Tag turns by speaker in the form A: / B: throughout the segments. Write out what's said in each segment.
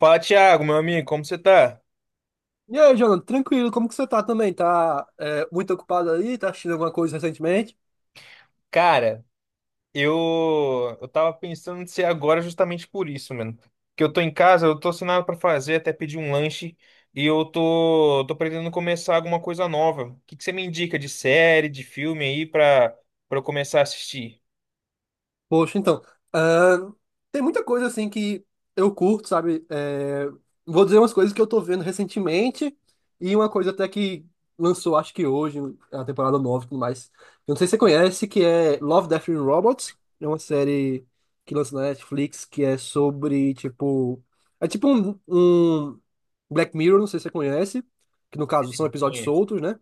A: Fala, Thiago, meu amigo, como você tá?
B: E aí, Jonathan, tranquilo, como que você tá também? Tá muito ocupado aí? Tá assistindo alguma coisa recentemente?
A: Cara, eu tava pensando em ser agora justamente por isso, mano. Que eu tô em casa, eu tô sem nada pra fazer, até pedi um lanche e eu tô pretendendo começar alguma coisa nova. O que você me indica de série, de filme aí pra para eu começar a assistir?
B: Poxa, então, ahn, tem muita coisa assim que eu curto, sabe? Vou dizer umas coisas que eu tô vendo recentemente, e uma coisa até que lançou, acho que hoje, a temporada nova e tudo mais. Eu não sei se você conhece, que é Love, Death and Robots. É uma série que lança na Netflix que é sobre, tipo, é tipo um Black Mirror, não sei se você conhece, que no caso são episódios
A: Conheço.
B: soltos, né?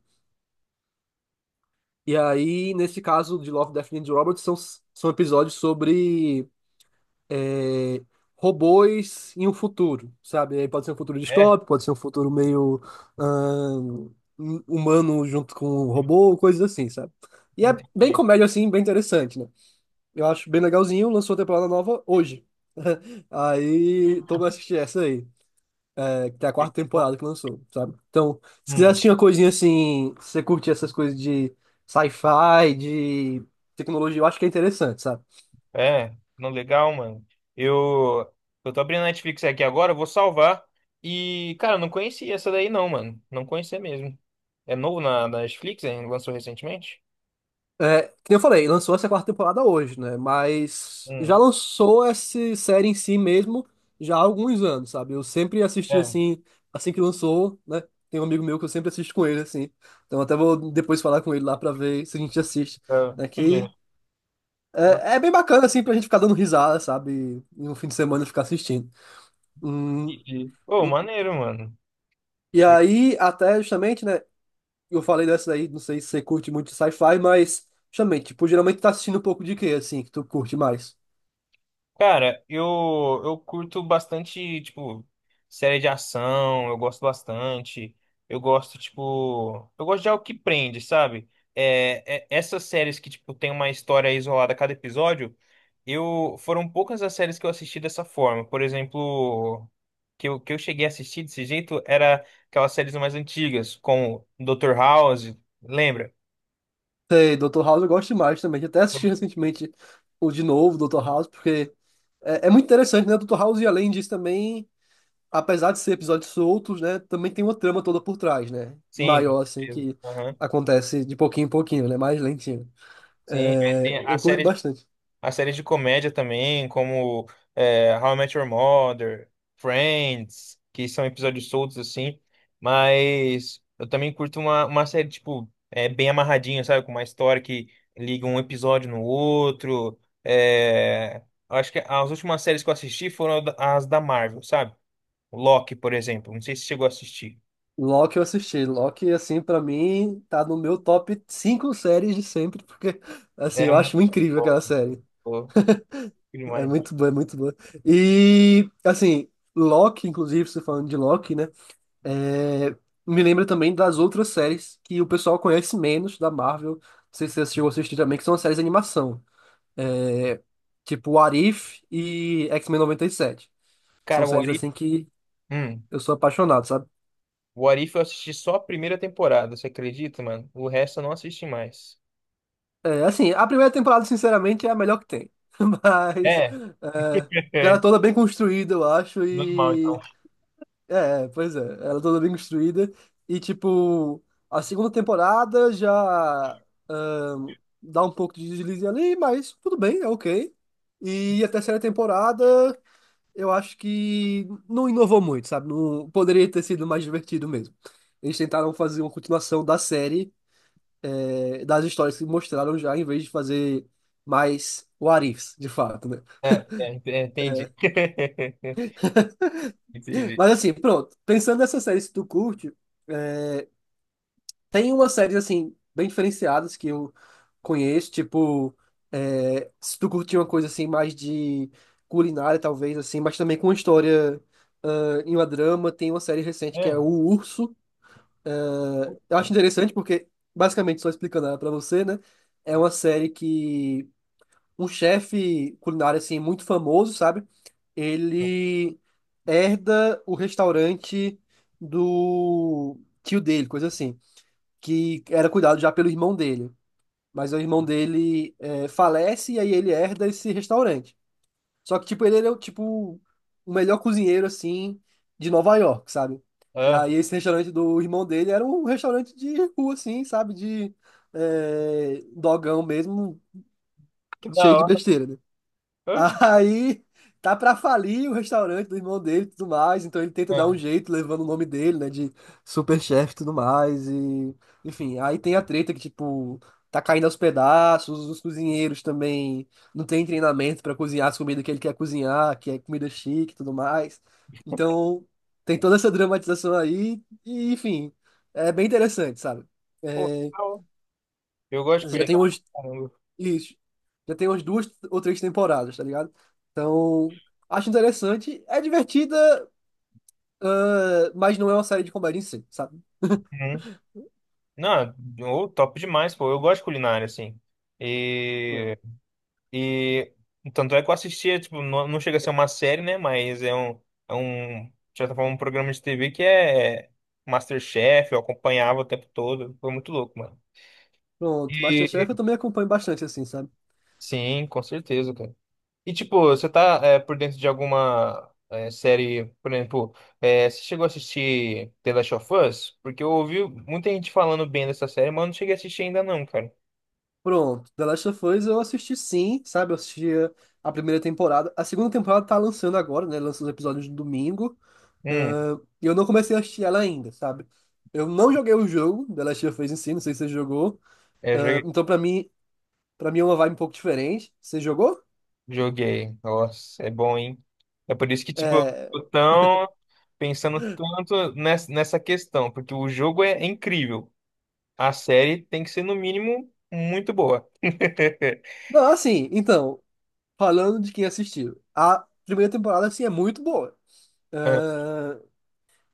B: E aí, nesse caso de Love, Death and Robots, são episódios sobre é, robôs em um futuro, sabe? Aí pode ser um futuro
A: É,
B: distópico, pode ser um futuro meio ahn, humano junto com um robô, coisas assim, sabe? E é bem
A: entendi.
B: comédia, assim, bem interessante, né? Eu acho bem legalzinho, lançou a temporada nova hoje. Aí, tô pra assistir essa aí. Até a quarta temporada que lançou, sabe? Então, se quiser
A: Hum.
B: assistir uma coisinha assim, se você curtir essas coisas de sci-fi, de tecnologia, eu acho que é interessante, sabe?
A: É, não, legal, mano. Eu, eu tô abrindo a Netflix aqui agora, eu vou salvar. E, cara, eu não conhecia essa daí não, mano. Não conhecia mesmo. É novo na Netflix, hein? Lançou recentemente?
B: É, que nem eu falei, lançou essa quarta temporada hoje, né? Mas já
A: Hum,
B: lançou essa série em si mesmo já há alguns anos, sabe? Eu sempre assisti
A: é.
B: assim, assim que lançou, né? Tem um amigo meu que eu sempre assisto com ele, assim. Então até vou depois falar com ele lá pra ver se a gente assiste,
A: Tá.
B: né? Que
A: Não,
B: é bem bacana, assim, pra gente ficar dando risada, sabe? E no fim de semana ficar assistindo. Hum,
A: entendi. Ô, maneiro, mano.
B: e aí, até justamente, né? Eu falei dessa aí, não sei se você curte muito sci-fi, mas justamente, tipo, geralmente tá assistindo um pouco de quê, assim, que tu curte mais?
A: Cara, eu curto bastante, tipo, série de ação, eu gosto bastante. Eu gosto, tipo, eu gosto de algo que prende, sabe? É, essas séries que, tipo, tem uma história isolada a cada episódio, eu foram poucas as séries que eu assisti dessa forma. Por exemplo, que eu cheguei a assistir desse jeito era aquelas séries mais antigas, como Dr. House, lembra?
B: Sei, Doutor House eu gosto mais também. Eu até assisti recentemente o de novo, Doutor House, porque é muito interessante, né? Doutor House, e além disso, também, apesar de ser episódios soltos, né? Também tem uma trama toda por trás, né?
A: Sim, com
B: Maior, assim,
A: certeza.
B: que
A: Aham.
B: acontece de pouquinho em pouquinho, né? Mais lentinho.
A: Sim, aí
B: É,
A: tem
B: eu curto bastante.
A: a série de comédia também, como How I Met Your Mother, Friends, que são episódios soltos assim, mas eu também curto uma série, tipo, bem amarradinha, sabe? Com uma história que liga um episódio no outro. É, eu acho que as últimas séries que eu assisti foram as da Marvel, sabe? Loki, por exemplo. Não sei se chegou a assistir.
B: Loki eu assisti. Loki, assim, pra mim, tá no meu top 5 séries de sempre, porque, assim,
A: É
B: eu
A: muito
B: acho incrível
A: bom,
B: aquela série.
A: pô,
B: É
A: demais.
B: muito boa, é muito boa. E, assim, Loki, inclusive, você falando de Loki, né? é, Me lembra também das outras séries que o pessoal conhece menos da Marvel. Não sei se você assistiu ou assistiu também, que são as séries de animação. É, tipo What If e X-Men 97, que são
A: Cara, o
B: séries,
A: What If-
B: assim, que
A: Hum.
B: eu sou apaixonado, sabe?
A: O Arif eu assisti só a primeira temporada, você acredita, mano? O resto eu não assisti mais.
B: É, assim, a primeira temporada, sinceramente, é a melhor que tem. Mas
A: É,
B: é, ela é toda bem construída, eu acho.
A: normal, então.
B: É, pois é, ela é toda bem construída. E tipo, a segunda temporada já ahn, dá um pouco de deslize ali, mas tudo bem, é ok. E a terceira temporada, eu acho que não inovou muito, sabe? Não, poderia ter sido mais divertido mesmo. Eles tentaram fazer uma continuação da série, das histórias que mostraram já, em vez de fazer mais what ifs, de fato, né?
A: é, entendi. Entendi.
B: Mas assim, pronto. Pensando nessas séries que tu curte, tem umas séries, assim, bem diferenciadas que eu conheço, tipo, se tu curtir uma coisa, assim, mais de culinária, talvez, assim, mas também com uma história, em uma drama, tem uma série recente que é
A: É.
B: O Urso. Eu acho interessante porque, basicamente, só explicando ela pra você, né? É uma série que um chefe culinário, assim, muito famoso, sabe? Ele herda o restaurante do tio dele, coisa assim, que era cuidado já pelo irmão dele. Mas o irmão dele, falece, e aí ele herda esse restaurante. Só que, tipo, ele é o, tipo, o melhor cozinheiro, assim, de Nova York, sabe? E aí
A: Ah,
B: esse restaurante do irmão dele era um restaurante de rua, assim, sabe? De dogão mesmo,
A: que da
B: cheio de
A: hora.
B: besteira, né? Aí tá pra falir o restaurante do irmão dele e tudo mais, então ele tenta dar um
A: Ah,
B: jeito levando o nome dele, né, de superchefe e tudo mais, e enfim, aí tem a treta que, tipo, tá caindo aos pedaços, os cozinheiros também não tem treinamento pra cozinhar as comidas que ele quer cozinhar, que é comida chique e tudo mais, então tem toda essa dramatização aí, e enfim, é bem interessante, sabe?
A: pô,
B: É,
A: legal. Eu gosto de
B: já tem
A: culinária, caramba.
B: isso. Já tem umas duas ou três temporadas, tá ligado? Então, acho interessante. É divertida, mas não é uma série de comédia em si, sabe?
A: Uhum. Não, ô, top demais, pô. Eu gosto de culinária, assim.
B: Pronto.
A: E tanto é que eu assistia, tipo, não chega a ser uma série, né? Mas é é um, de certa forma, um programa de TV que é MasterChef, eu acompanhava o tempo todo. Foi muito louco, mano.
B: Pronto. MasterChef eu
A: E
B: também acompanho bastante, assim, sabe?
A: sim, com certeza, cara. E tipo, você tá por dentro de alguma série, por exemplo, é, você chegou a assistir The Last of Us? Porque eu ouvi muita gente falando bem dessa série, mas eu não cheguei a assistir ainda não, cara.
B: Pronto. The Last of Us eu assisti, sim, sabe? Eu assisti a primeira temporada. A segunda temporada tá lançando agora, né? Lança os episódios no domingo.
A: Hum,
B: Ah, e eu não comecei a assistir ela ainda, sabe? Eu não joguei o jogo The Last of Us em si, não sei se você jogou. Ah,
A: é,
B: então, pra mim é uma vibe um pouco diferente. Você jogou?
A: joguei. Nossa, é bom, hein? É por isso que, tipo, eu
B: É,
A: tô tão pensando tanto nessa questão, porque o jogo é incrível. A série tem que ser, no mínimo, muito boa.
B: não, assim, então, falando de quem assistiu, a primeira temporada, assim, é muito boa.
A: Ah,
B: Ah,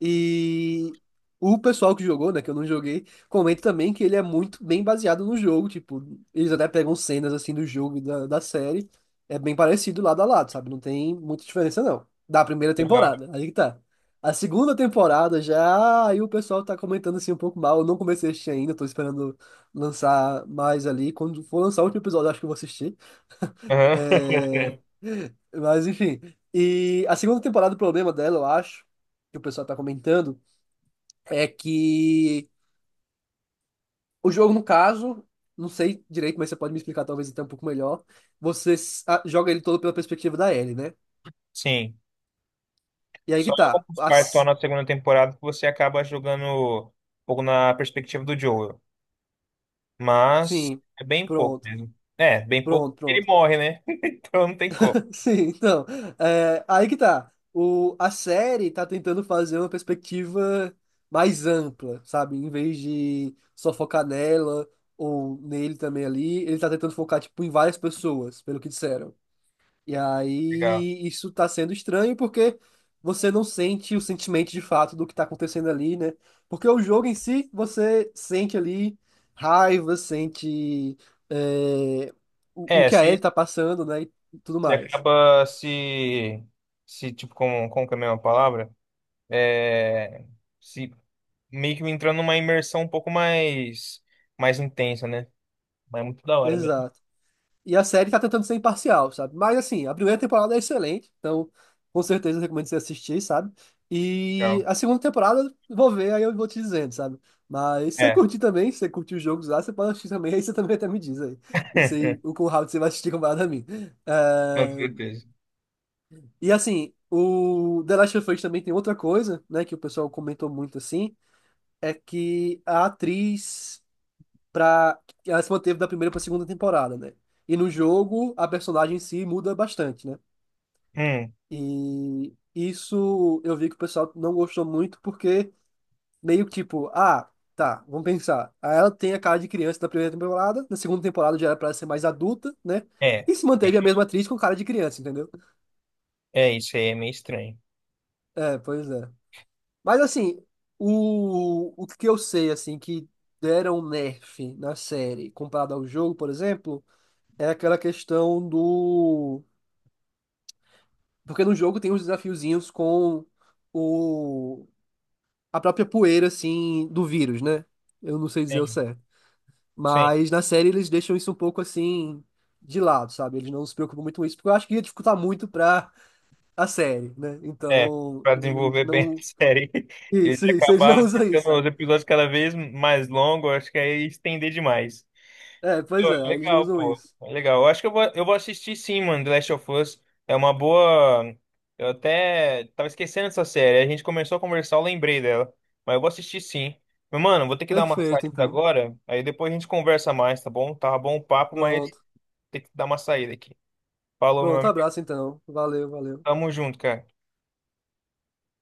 B: e o pessoal que jogou, né, que eu não joguei, comenta também que ele é muito bem baseado no jogo, tipo, eles até pegam cenas, assim, do jogo e da série, é bem parecido lado a lado, sabe? Não tem muita diferença, não, da primeira
A: legal.
B: temporada, aí que tá. A segunda temporada já, aí o pessoal tá comentando, assim, um pouco mal, eu não comecei a assistir ainda, tô esperando lançar mais ali, quando for lançar o último episódio, eu acho que eu vou assistir.
A: Aham.
B: É... Mas enfim. E a segunda temporada, o problema dela, eu acho, que o pessoal tá comentando, é que o jogo, no caso, não sei direito, mas você pode me explicar talvez até um pouco melhor. Você joga ele todo pela perspectiva da Ellie, né?
A: Sim.
B: E aí que
A: Só
B: tá.
A: algumas partes só na segunda temporada que você acaba jogando um pouco na perspectiva do Joel. Mas
B: Sim,
A: é bem pouco
B: pronto,
A: mesmo. É, bem pouco
B: pronto,
A: porque ele
B: pronto.
A: morre, né? Então não tem como.
B: Sim, então, aí que tá. A série tá tentando fazer uma perspectiva mais ampla, sabe? Em vez de só focar nela ou nele também ali, ele tá tentando focar, tipo, em várias pessoas, pelo que disseram. E
A: Legal.
B: aí isso tá sendo estranho porque você não sente o sentimento de fato do que tá acontecendo ali, né? Porque o jogo em si, você sente ali raiva, sente é, o
A: É,
B: que a
A: se
B: Ellie tá passando, né? E tudo
A: você
B: mais.
A: acaba se tipo, como que é a mesma palavra? É, se meio que entrando numa imersão um pouco mais intensa, né? Mas é muito da hora mesmo.
B: Exato. E a série tá tentando ser imparcial, sabe? Mas assim, a primeira temporada é excelente, então com certeza eu recomendo você assistir, sabe? E
A: Legal.
B: a segunda temporada eu vou ver, aí eu vou te dizendo, sabe? Mas se você
A: É,
B: curtir também, se você curtir os jogos lá, você pode assistir também, aí você também até me diz aí. Não sei o quão rápido você vai assistir comparado a mim.
A: com
B: Eh,
A: certeza.
B: E assim, o The Last of Us também tem outra coisa, né, que o pessoal comentou muito assim, é que a atriz para ela se manteve da primeira para segunda temporada, né? E no jogo a personagem em si muda bastante, né?
A: Hum,
B: E isso eu vi que o pessoal não gostou muito porque meio que tipo, ah, tá, vamos pensar. Aí ela tem a cara de criança na primeira temporada, na segunda temporada já era para ser mais adulta, né?
A: é,
B: E se manteve a mesma atriz com cara de criança, entendeu?
A: é isso aí, é meio estranho.
B: É, pois é. Mas assim, o que eu sei assim que deram um nerf na série comparado ao jogo, por exemplo, é aquela questão do... porque no jogo tem uns desafiozinhos com o... a própria poeira, assim, do vírus, né? Eu não sei dizer o
A: Sim,
B: certo.
A: sim,
B: Mas na série eles deixam isso um pouco assim de lado, sabe? Eles não se preocupam muito com isso, porque eu acho que ia dificultar muito pra a série, né?
A: é.
B: Então,
A: Pra
B: eles
A: desenvolver bem a
B: não.
A: série, eles
B: Isso, eles não
A: acabaram
B: usam isso,
A: deixando
B: sabe?
A: os episódios cada vez mais longos, acho que aí estender demais.
B: É, pois
A: Pô,
B: é, eles não
A: legal,
B: usam
A: pô.
B: isso.
A: Legal. Eu acho que eu vou assistir sim, mano, The Last of Us. É uma boa. Eu até tava esquecendo dessa série. A gente começou a conversar, eu lembrei dela. Mas eu vou assistir sim. Mas, mano, vou ter que dar uma
B: Perfeito,
A: saída
B: então.
A: agora. Aí depois a gente conversa mais, tá bom? Tava bom o papo, mas
B: Pronto.
A: tem que dar uma saída aqui. Falou, meu
B: Pronto,
A: amigo.
B: abraço então. Valeu, valeu.
A: Tamo junto, cara.